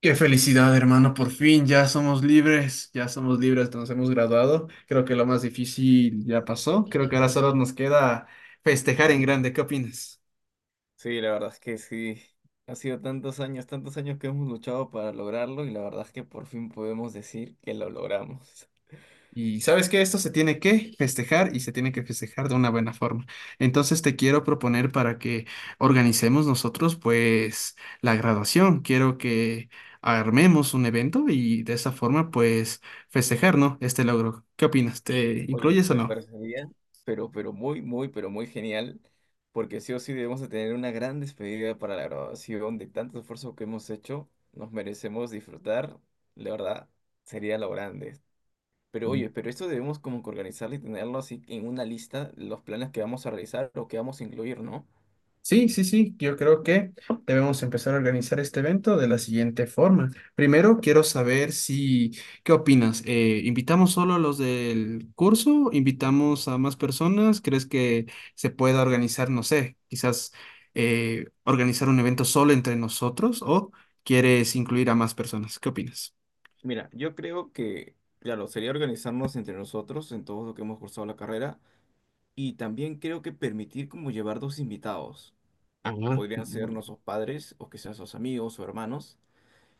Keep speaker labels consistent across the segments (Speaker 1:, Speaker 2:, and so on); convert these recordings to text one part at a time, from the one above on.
Speaker 1: Qué felicidad, hermano, por fin ya somos libres, nos hemos graduado. Creo que lo más difícil ya
Speaker 2: Sí,
Speaker 1: pasó. Creo que ahora solo nos queda festejar en grande, ¿qué opinas?
Speaker 2: sí, la verdad es que sí. Ha sido tantos años que hemos luchado para lograrlo y la verdad es que por fin podemos decir que lo logramos.
Speaker 1: Y sabes que esto se tiene que festejar y se tiene que festejar de una buena forma. Entonces te quiero proponer para que organicemos nosotros pues la graduación. Quiero que armemos un evento y de esa forma pues festejar, ¿no? Este logro. ¿Qué opinas? ¿Te
Speaker 2: Oye,
Speaker 1: incluyes o
Speaker 2: me
Speaker 1: no?
Speaker 2: parecería, pero muy, muy, pero muy genial, porque sí o sí debemos de tener una gran despedida para la graduación de tanto esfuerzo que hemos hecho. Nos merecemos disfrutar, la verdad, sería lo grande. Pero oye, pero esto debemos como que organizarlo y tenerlo así en una lista, los planes que vamos a realizar o que vamos a incluir, ¿no?
Speaker 1: Sí, sí, sí, yo creo que debemos empezar a organizar este evento de la siguiente forma. Primero, quiero saber si, ¿qué opinas? ¿Invitamos solo a los del curso? ¿Invitamos a más personas? ¿Crees que se pueda organizar, no sé, quizás organizar un evento solo entre nosotros o quieres incluir a más personas? ¿Qué opinas?
Speaker 2: Mira, yo creo que, claro, sería organizarnos entre nosotros en todo lo que hemos cursado la carrera y también creo que permitir como llevar dos invitados.
Speaker 1: Ah,
Speaker 2: Podrían ser nuestros padres o quizás sus amigos o hermanos,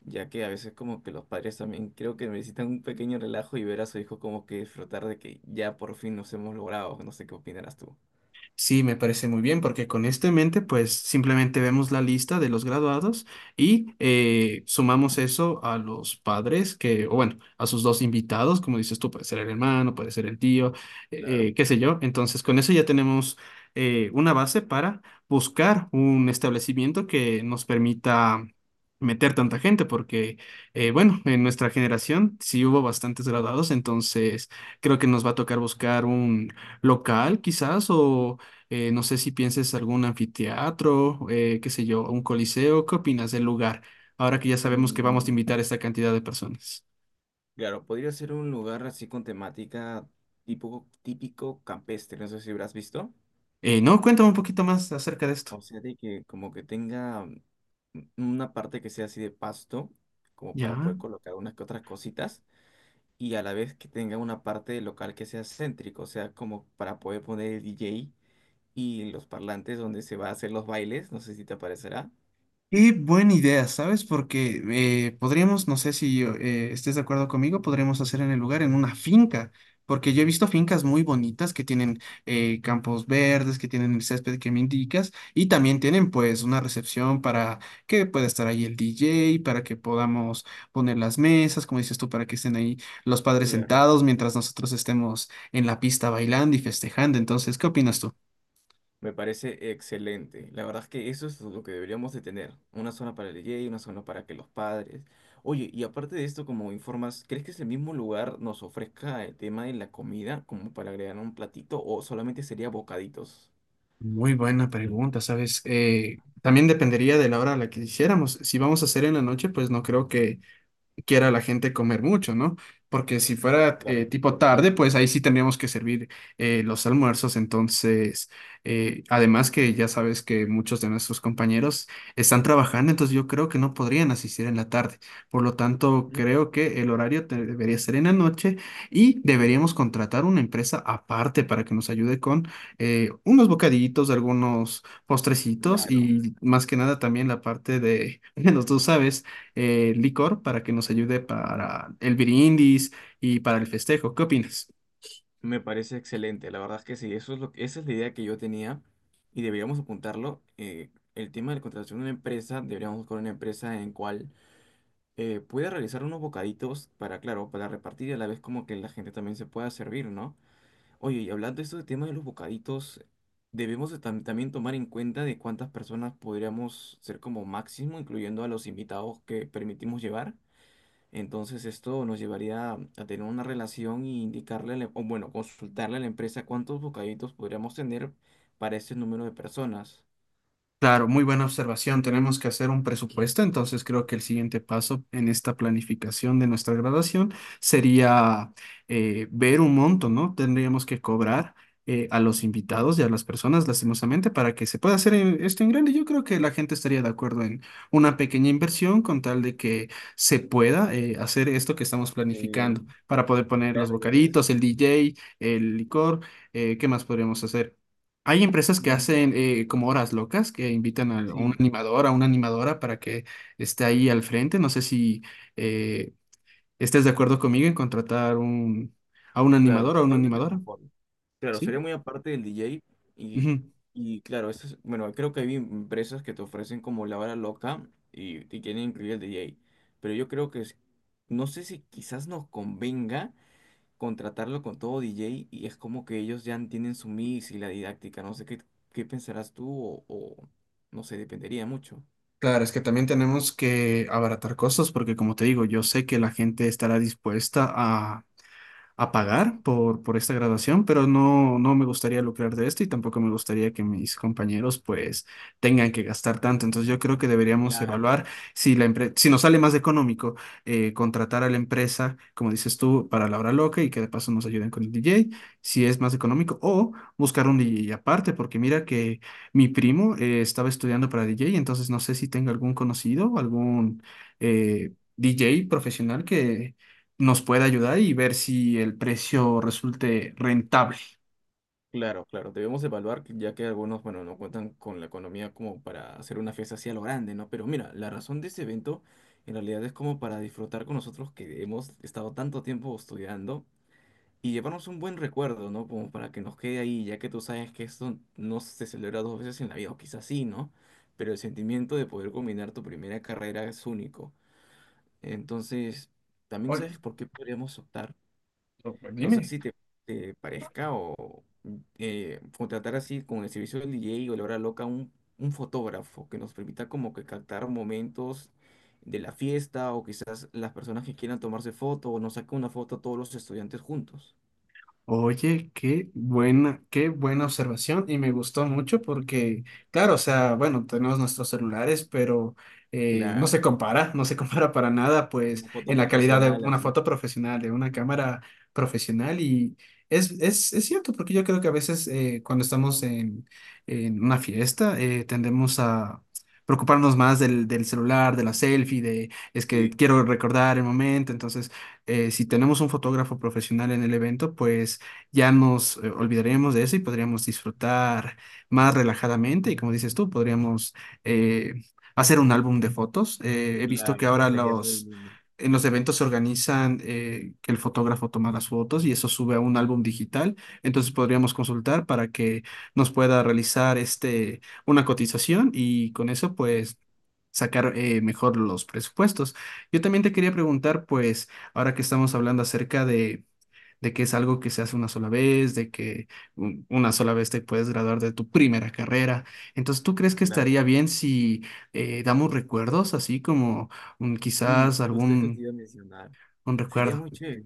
Speaker 2: ya que a veces como que los padres también creo que necesitan un pequeño relajo y ver a su hijo como que disfrutar de que ya por fin nos hemos logrado. No sé qué opinarás tú.
Speaker 1: sí, me parece muy bien, porque con esto en mente, pues simplemente vemos la lista de los graduados y sumamos eso a los padres que, o bueno, a sus dos invitados, como dices tú, puede ser el hermano, puede ser el tío,
Speaker 2: Claro.
Speaker 1: qué sé yo. Entonces, con eso ya tenemos una base para buscar un establecimiento que nos permita meter tanta gente, porque, bueno, en nuestra generación sí hubo bastantes graduados, entonces creo que nos va a tocar buscar un local quizás o no sé si pienses algún anfiteatro, qué sé yo, un coliseo. ¿Qué opinas del lugar? Ahora que ya sabemos que vamos a
Speaker 2: Mm.
Speaker 1: invitar a esta cantidad de personas.
Speaker 2: Claro, podría ser un lugar así con temática tipo típico campestre, no sé si habrás visto.
Speaker 1: No, cuéntame un poquito más acerca de esto.
Speaker 2: O sea, de que como que tenga una parte que sea así de pasto, como para
Speaker 1: Ya.
Speaker 2: poder colocar unas que otras cositas, y a la vez que tenga una parte local que sea céntrico, o sea, como para poder poner el DJ y los parlantes donde se va a hacer los bailes, no sé si te aparecerá.
Speaker 1: Qué buena idea, ¿sabes? Porque podríamos, no sé si estés de acuerdo conmigo, podríamos hacer en el lugar, en una finca, porque yo he visto fincas muy bonitas que tienen campos verdes, que tienen el césped que me indicas, y también tienen pues una recepción para que pueda estar ahí el DJ, para que podamos poner las mesas, como dices tú, para que estén ahí los padres
Speaker 2: Claro.
Speaker 1: sentados mientras nosotros estemos en la pista bailando y festejando. Entonces, ¿qué opinas tú?
Speaker 2: Me parece excelente. La verdad es que eso es lo que deberíamos de tener. Una zona para el DJ, una zona para que los padres. Oye, y aparte de esto, como informas, ¿crees que ese mismo lugar nos ofrezca el tema de la comida como para agregar un platito o solamente sería bocaditos?
Speaker 1: Muy buena pregunta, ¿sabes? También dependería de la hora a la que hiciéramos. Si vamos a hacer en la noche, pues no creo que quiera la gente comer mucho, ¿no? Porque si fuera
Speaker 2: Claro,
Speaker 1: tipo tarde,
Speaker 2: ¿entiendes?
Speaker 1: pues ahí sí tendríamos que servir los almuerzos. Entonces, además que ya sabes que muchos de nuestros compañeros están trabajando, entonces yo creo que no podrían asistir en la tarde. Por lo tanto,
Speaker 2: Ujú.
Speaker 1: creo que el horario debería ser en la noche y deberíamos contratar una empresa aparte para que nos ayude con unos bocadillitos, algunos postrecitos
Speaker 2: Claro.
Speaker 1: y más que nada también la parte de, menos tú sabes licor para que nos ayude para el Birindis y para el festejo. ¿Qué opinas?
Speaker 2: Me parece excelente, la verdad es que sí, eso es lo, esa es la idea que yo tenía y deberíamos apuntarlo. El tema de la contratación de una empresa, deberíamos buscar una empresa en cual puede realizar unos bocaditos para, claro, para repartir y a la vez como que la gente también se pueda servir, ¿no? Oye, y hablando de esto de tema de los bocaditos, debemos de también tomar en cuenta de cuántas personas podríamos ser como máximo, incluyendo a los invitados que permitimos llevar. Entonces esto nos llevaría a tener una relación y indicarle, o bueno, consultarle a la empresa cuántos bocaditos podríamos tener para ese número de personas.
Speaker 1: Claro, muy buena observación. Tenemos que hacer un presupuesto, entonces creo que el siguiente paso en esta planificación de nuestra graduación sería ver un monto, ¿no? Tendríamos que cobrar a los invitados y a las personas, lastimosamente, para que se pueda hacer esto en grande. Yo creo que la gente estaría de acuerdo en una pequeña inversión con tal de que se pueda hacer esto que estamos planificando
Speaker 2: Sí,
Speaker 1: para poder poner los
Speaker 2: claro, ya que es...
Speaker 1: bocaditos, el DJ, el licor, ¿qué más podríamos hacer? Hay empresas que
Speaker 2: mm,
Speaker 1: hacen como horas locas, que invitan a un
Speaker 2: Sí,
Speaker 1: animador, a una animadora para que esté ahí al frente. No sé si eh, estés de acuerdo conmigo en contratar a un
Speaker 2: claro,
Speaker 1: animador o a una
Speaker 2: totalmente
Speaker 1: animadora,
Speaker 2: conforme. Claro,
Speaker 1: ¿sí?
Speaker 2: sería muy aparte del DJ y,
Speaker 1: Ujú.
Speaker 2: y claro, bueno, creo que hay empresas que te ofrecen como la hora loca y, te quieren incluir el DJ, pero yo creo que no sé si quizás nos convenga contratarlo con todo DJ y es como que ellos ya tienen su mix y la didáctica, no sé qué, qué pensarás tú o no sé, dependería mucho.
Speaker 1: Claro, es que también tenemos que abaratar costos porque, como te digo, yo sé que la gente estará dispuesta a pagar por esta graduación, pero no, no me gustaría lucrar de esto y tampoco me gustaría que mis compañeros pues tengan que gastar tanto. Entonces yo creo que deberíamos evaluar si si nos sale más económico contratar a la empresa, como dices tú, para la hora loca y que de paso nos ayuden con el DJ, si es más económico, o buscar un DJ aparte, porque mira que mi primo estaba estudiando para DJ, entonces no sé si tenga algún conocido, algún DJ profesional que nos puede ayudar y ver si el precio resulte rentable.
Speaker 2: Claro, claro, debemos evaluar, ya que algunos, bueno, no cuentan con la economía como para hacer una fiesta así a lo grande, ¿no? Pero mira, la razón de ese evento en realidad es como para disfrutar con nosotros que hemos estado tanto tiempo estudiando y llevarnos un buen recuerdo, ¿no? Como para que nos quede ahí, ya que tú sabes que esto no se celebra dos veces en la vida, o quizás sí, ¿no? Pero el sentimiento de poder combinar tu primera carrera es único. Entonces, también
Speaker 1: Oye,
Speaker 2: sabes por qué podríamos optar.
Speaker 1: pues
Speaker 2: No sé
Speaker 1: dime.
Speaker 2: si te parezca o contratar así con el servicio del DJ o la hora loca un fotógrafo que nos permita como que captar momentos de la fiesta o quizás las personas que quieran tomarse foto o nos saque una foto a todos los estudiantes juntos.
Speaker 1: Oye, qué buena observación y me gustó mucho porque, claro, o sea, bueno, tenemos nuestros celulares, pero no
Speaker 2: Claro,
Speaker 1: se compara, no se compara para nada, pues,
Speaker 2: una foto
Speaker 1: en la calidad de
Speaker 2: profesional
Speaker 1: una
Speaker 2: así.
Speaker 1: foto profesional, de una cámara profesional y es cierto, porque yo creo que a veces cuando estamos en una fiesta tendemos a preocuparnos más del celular, de la selfie, de es que
Speaker 2: Sí,
Speaker 1: quiero recordar el momento, entonces si tenemos un fotógrafo profesional en el evento, pues ya nos olvidaríamos de eso y podríamos disfrutar más relajadamente. Y como dices tú, podríamos eh, hacer un álbum de fotos. He visto que
Speaker 2: claro,
Speaker 1: ahora
Speaker 2: sería muy
Speaker 1: los,
Speaker 2: lindo,
Speaker 1: en los eventos se organizan que el fotógrafo toma las fotos y eso sube a un álbum digital. Entonces podríamos consultar para que nos pueda realizar este, una cotización y con eso pues... sacar mejor los presupuestos. Yo también te quería preguntar, pues, ahora que estamos hablando acerca de que es algo que se hace una sola vez, de que una sola vez te puedes graduar de tu primera carrera. Entonces, ¿tú crees que
Speaker 2: claro.
Speaker 1: estaría bien si damos recuerdos, así como
Speaker 2: Sí,
Speaker 1: quizás
Speaker 2: justo eso te
Speaker 1: algún
Speaker 2: iba a mencionar.
Speaker 1: un
Speaker 2: Sería
Speaker 1: recuerdo?
Speaker 2: muy chévere,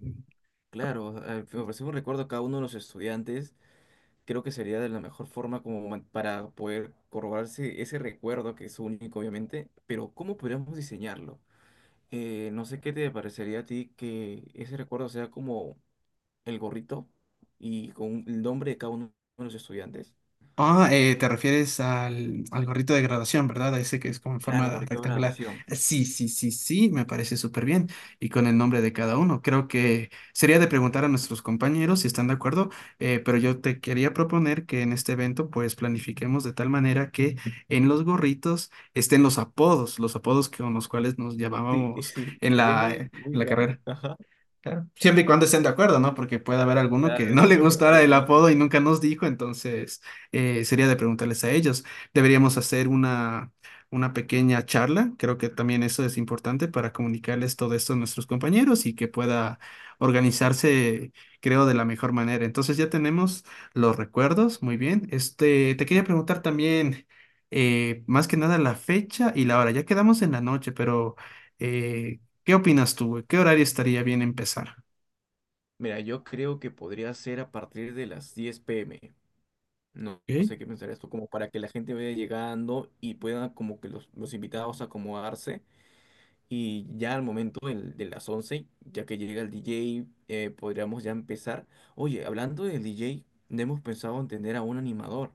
Speaker 2: claro, ofrecer un recuerdo a cada uno de los estudiantes creo que sería de la mejor forma como para poder corroborarse ese recuerdo que es único, obviamente, pero ¿cómo podríamos diseñarlo? No sé qué te parecería a ti que ese recuerdo sea como el gorrito y con el nombre de cada uno de los estudiantes.
Speaker 1: Ah, te refieres al, al gorrito de graduación, ¿verdad? A ese que es como en
Speaker 2: Claro,
Speaker 1: forma
Speaker 2: gorrito de
Speaker 1: rectangular.
Speaker 2: graduación.
Speaker 1: Sí, sí, sí, sí, me parece súper bien. Y con el nombre de cada uno. Creo que sería de preguntar a nuestros compañeros si están de acuerdo, pero yo te quería proponer que en este evento pues planifiquemos de tal manera que en los gorritos estén los apodos con los cuales nos
Speaker 2: Sí,
Speaker 1: llamábamos
Speaker 2: sí, sería muy,
Speaker 1: en
Speaker 2: muy
Speaker 1: la
Speaker 2: grande.
Speaker 1: carrera.
Speaker 2: Ajá,
Speaker 1: Claro. Siempre y cuando estén de acuerdo, ¿no? Porque puede haber alguno que
Speaker 2: claro.
Speaker 1: no le gustara
Speaker 2: Hay
Speaker 1: el
Speaker 2: algunas que-
Speaker 1: apodo y nunca nos dijo, entonces sería de preguntarles a ellos. Deberíamos hacer una pequeña charla. Creo que también eso es importante para comunicarles todo esto a nuestros compañeros y que pueda organizarse, creo, de la mejor manera. Entonces ya tenemos los recuerdos, muy bien. Este, te quería preguntar también, más que nada la fecha y la hora. Ya quedamos en la noche, pero... eh, ¿qué opinas tú, güey? ¿Qué horario estaría bien empezar?
Speaker 2: Mira, yo creo que podría ser a partir de las 10 pm. No, no
Speaker 1: Ok.
Speaker 2: sé qué pensar esto, como para que la gente vaya llegando y pueda como que los invitados acomodarse y ya al momento de las 11 ya que llega el DJ, podríamos ya empezar. Oye, hablando del DJ, no hemos pensado en tener a un animador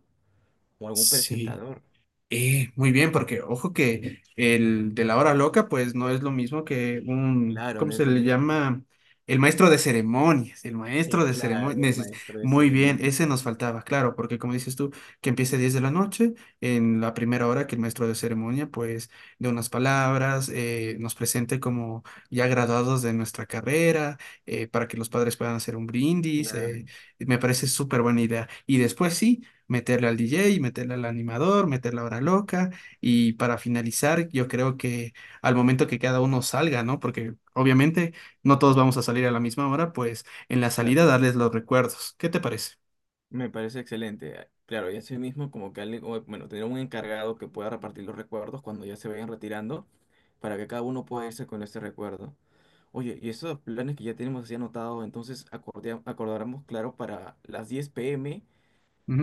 Speaker 2: o algún
Speaker 1: Sí.
Speaker 2: presentador.
Speaker 1: Muy bien, porque ojo que el de la hora loca, pues no es lo mismo que un,
Speaker 2: Claro,
Speaker 1: ¿cómo
Speaker 2: no es
Speaker 1: se
Speaker 2: lo
Speaker 1: le
Speaker 2: mismo.
Speaker 1: llama? El maestro de ceremonias, el maestro de
Speaker 2: Claro, el
Speaker 1: ceremonias. Es-
Speaker 2: maestro de
Speaker 1: muy bien,
Speaker 2: ceremonia,
Speaker 1: ese nos
Speaker 2: correcto.
Speaker 1: faltaba, claro, porque como dices tú, que empiece 10 de la noche, en la primera hora que el maestro de ceremonia, pues, de unas palabras, nos presente como ya graduados de nuestra carrera, para que los padres puedan hacer un brindis,
Speaker 2: Claro,
Speaker 1: me parece súper buena idea. Y después sí meterle al DJ, meterle al animador, meterle a Hora Loca y para finalizar, yo creo que al momento que cada uno salga, ¿no? Porque obviamente no todos vamos a salir a la misma hora, pues en la salida
Speaker 2: exacto.
Speaker 1: darles los recuerdos. ¿Qué te parece?
Speaker 2: Me parece excelente. Claro, y así mismo como que alguien, o, bueno, tener un encargado que pueda repartir los recuerdos cuando ya se vayan retirando, para que cada uno pueda irse con ese recuerdo. Oye, y esos planes que ya tenemos así anotados, entonces acordáramos, claro, para las 10 p.m.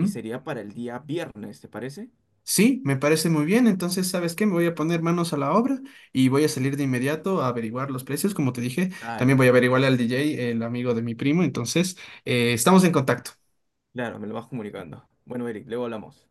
Speaker 2: y sería para el día viernes, ¿te parece?
Speaker 1: Sí, me parece muy bien. Entonces, ¿sabes qué? Me voy a poner manos a la obra y voy a salir de inmediato a averiguar los precios. Como te dije, también
Speaker 2: Dale,
Speaker 1: voy a averiguarle al DJ, el amigo de mi primo. Entonces, estamos en contacto.
Speaker 2: claro, me lo vas comunicando. Bueno, Eric, luego hablamos.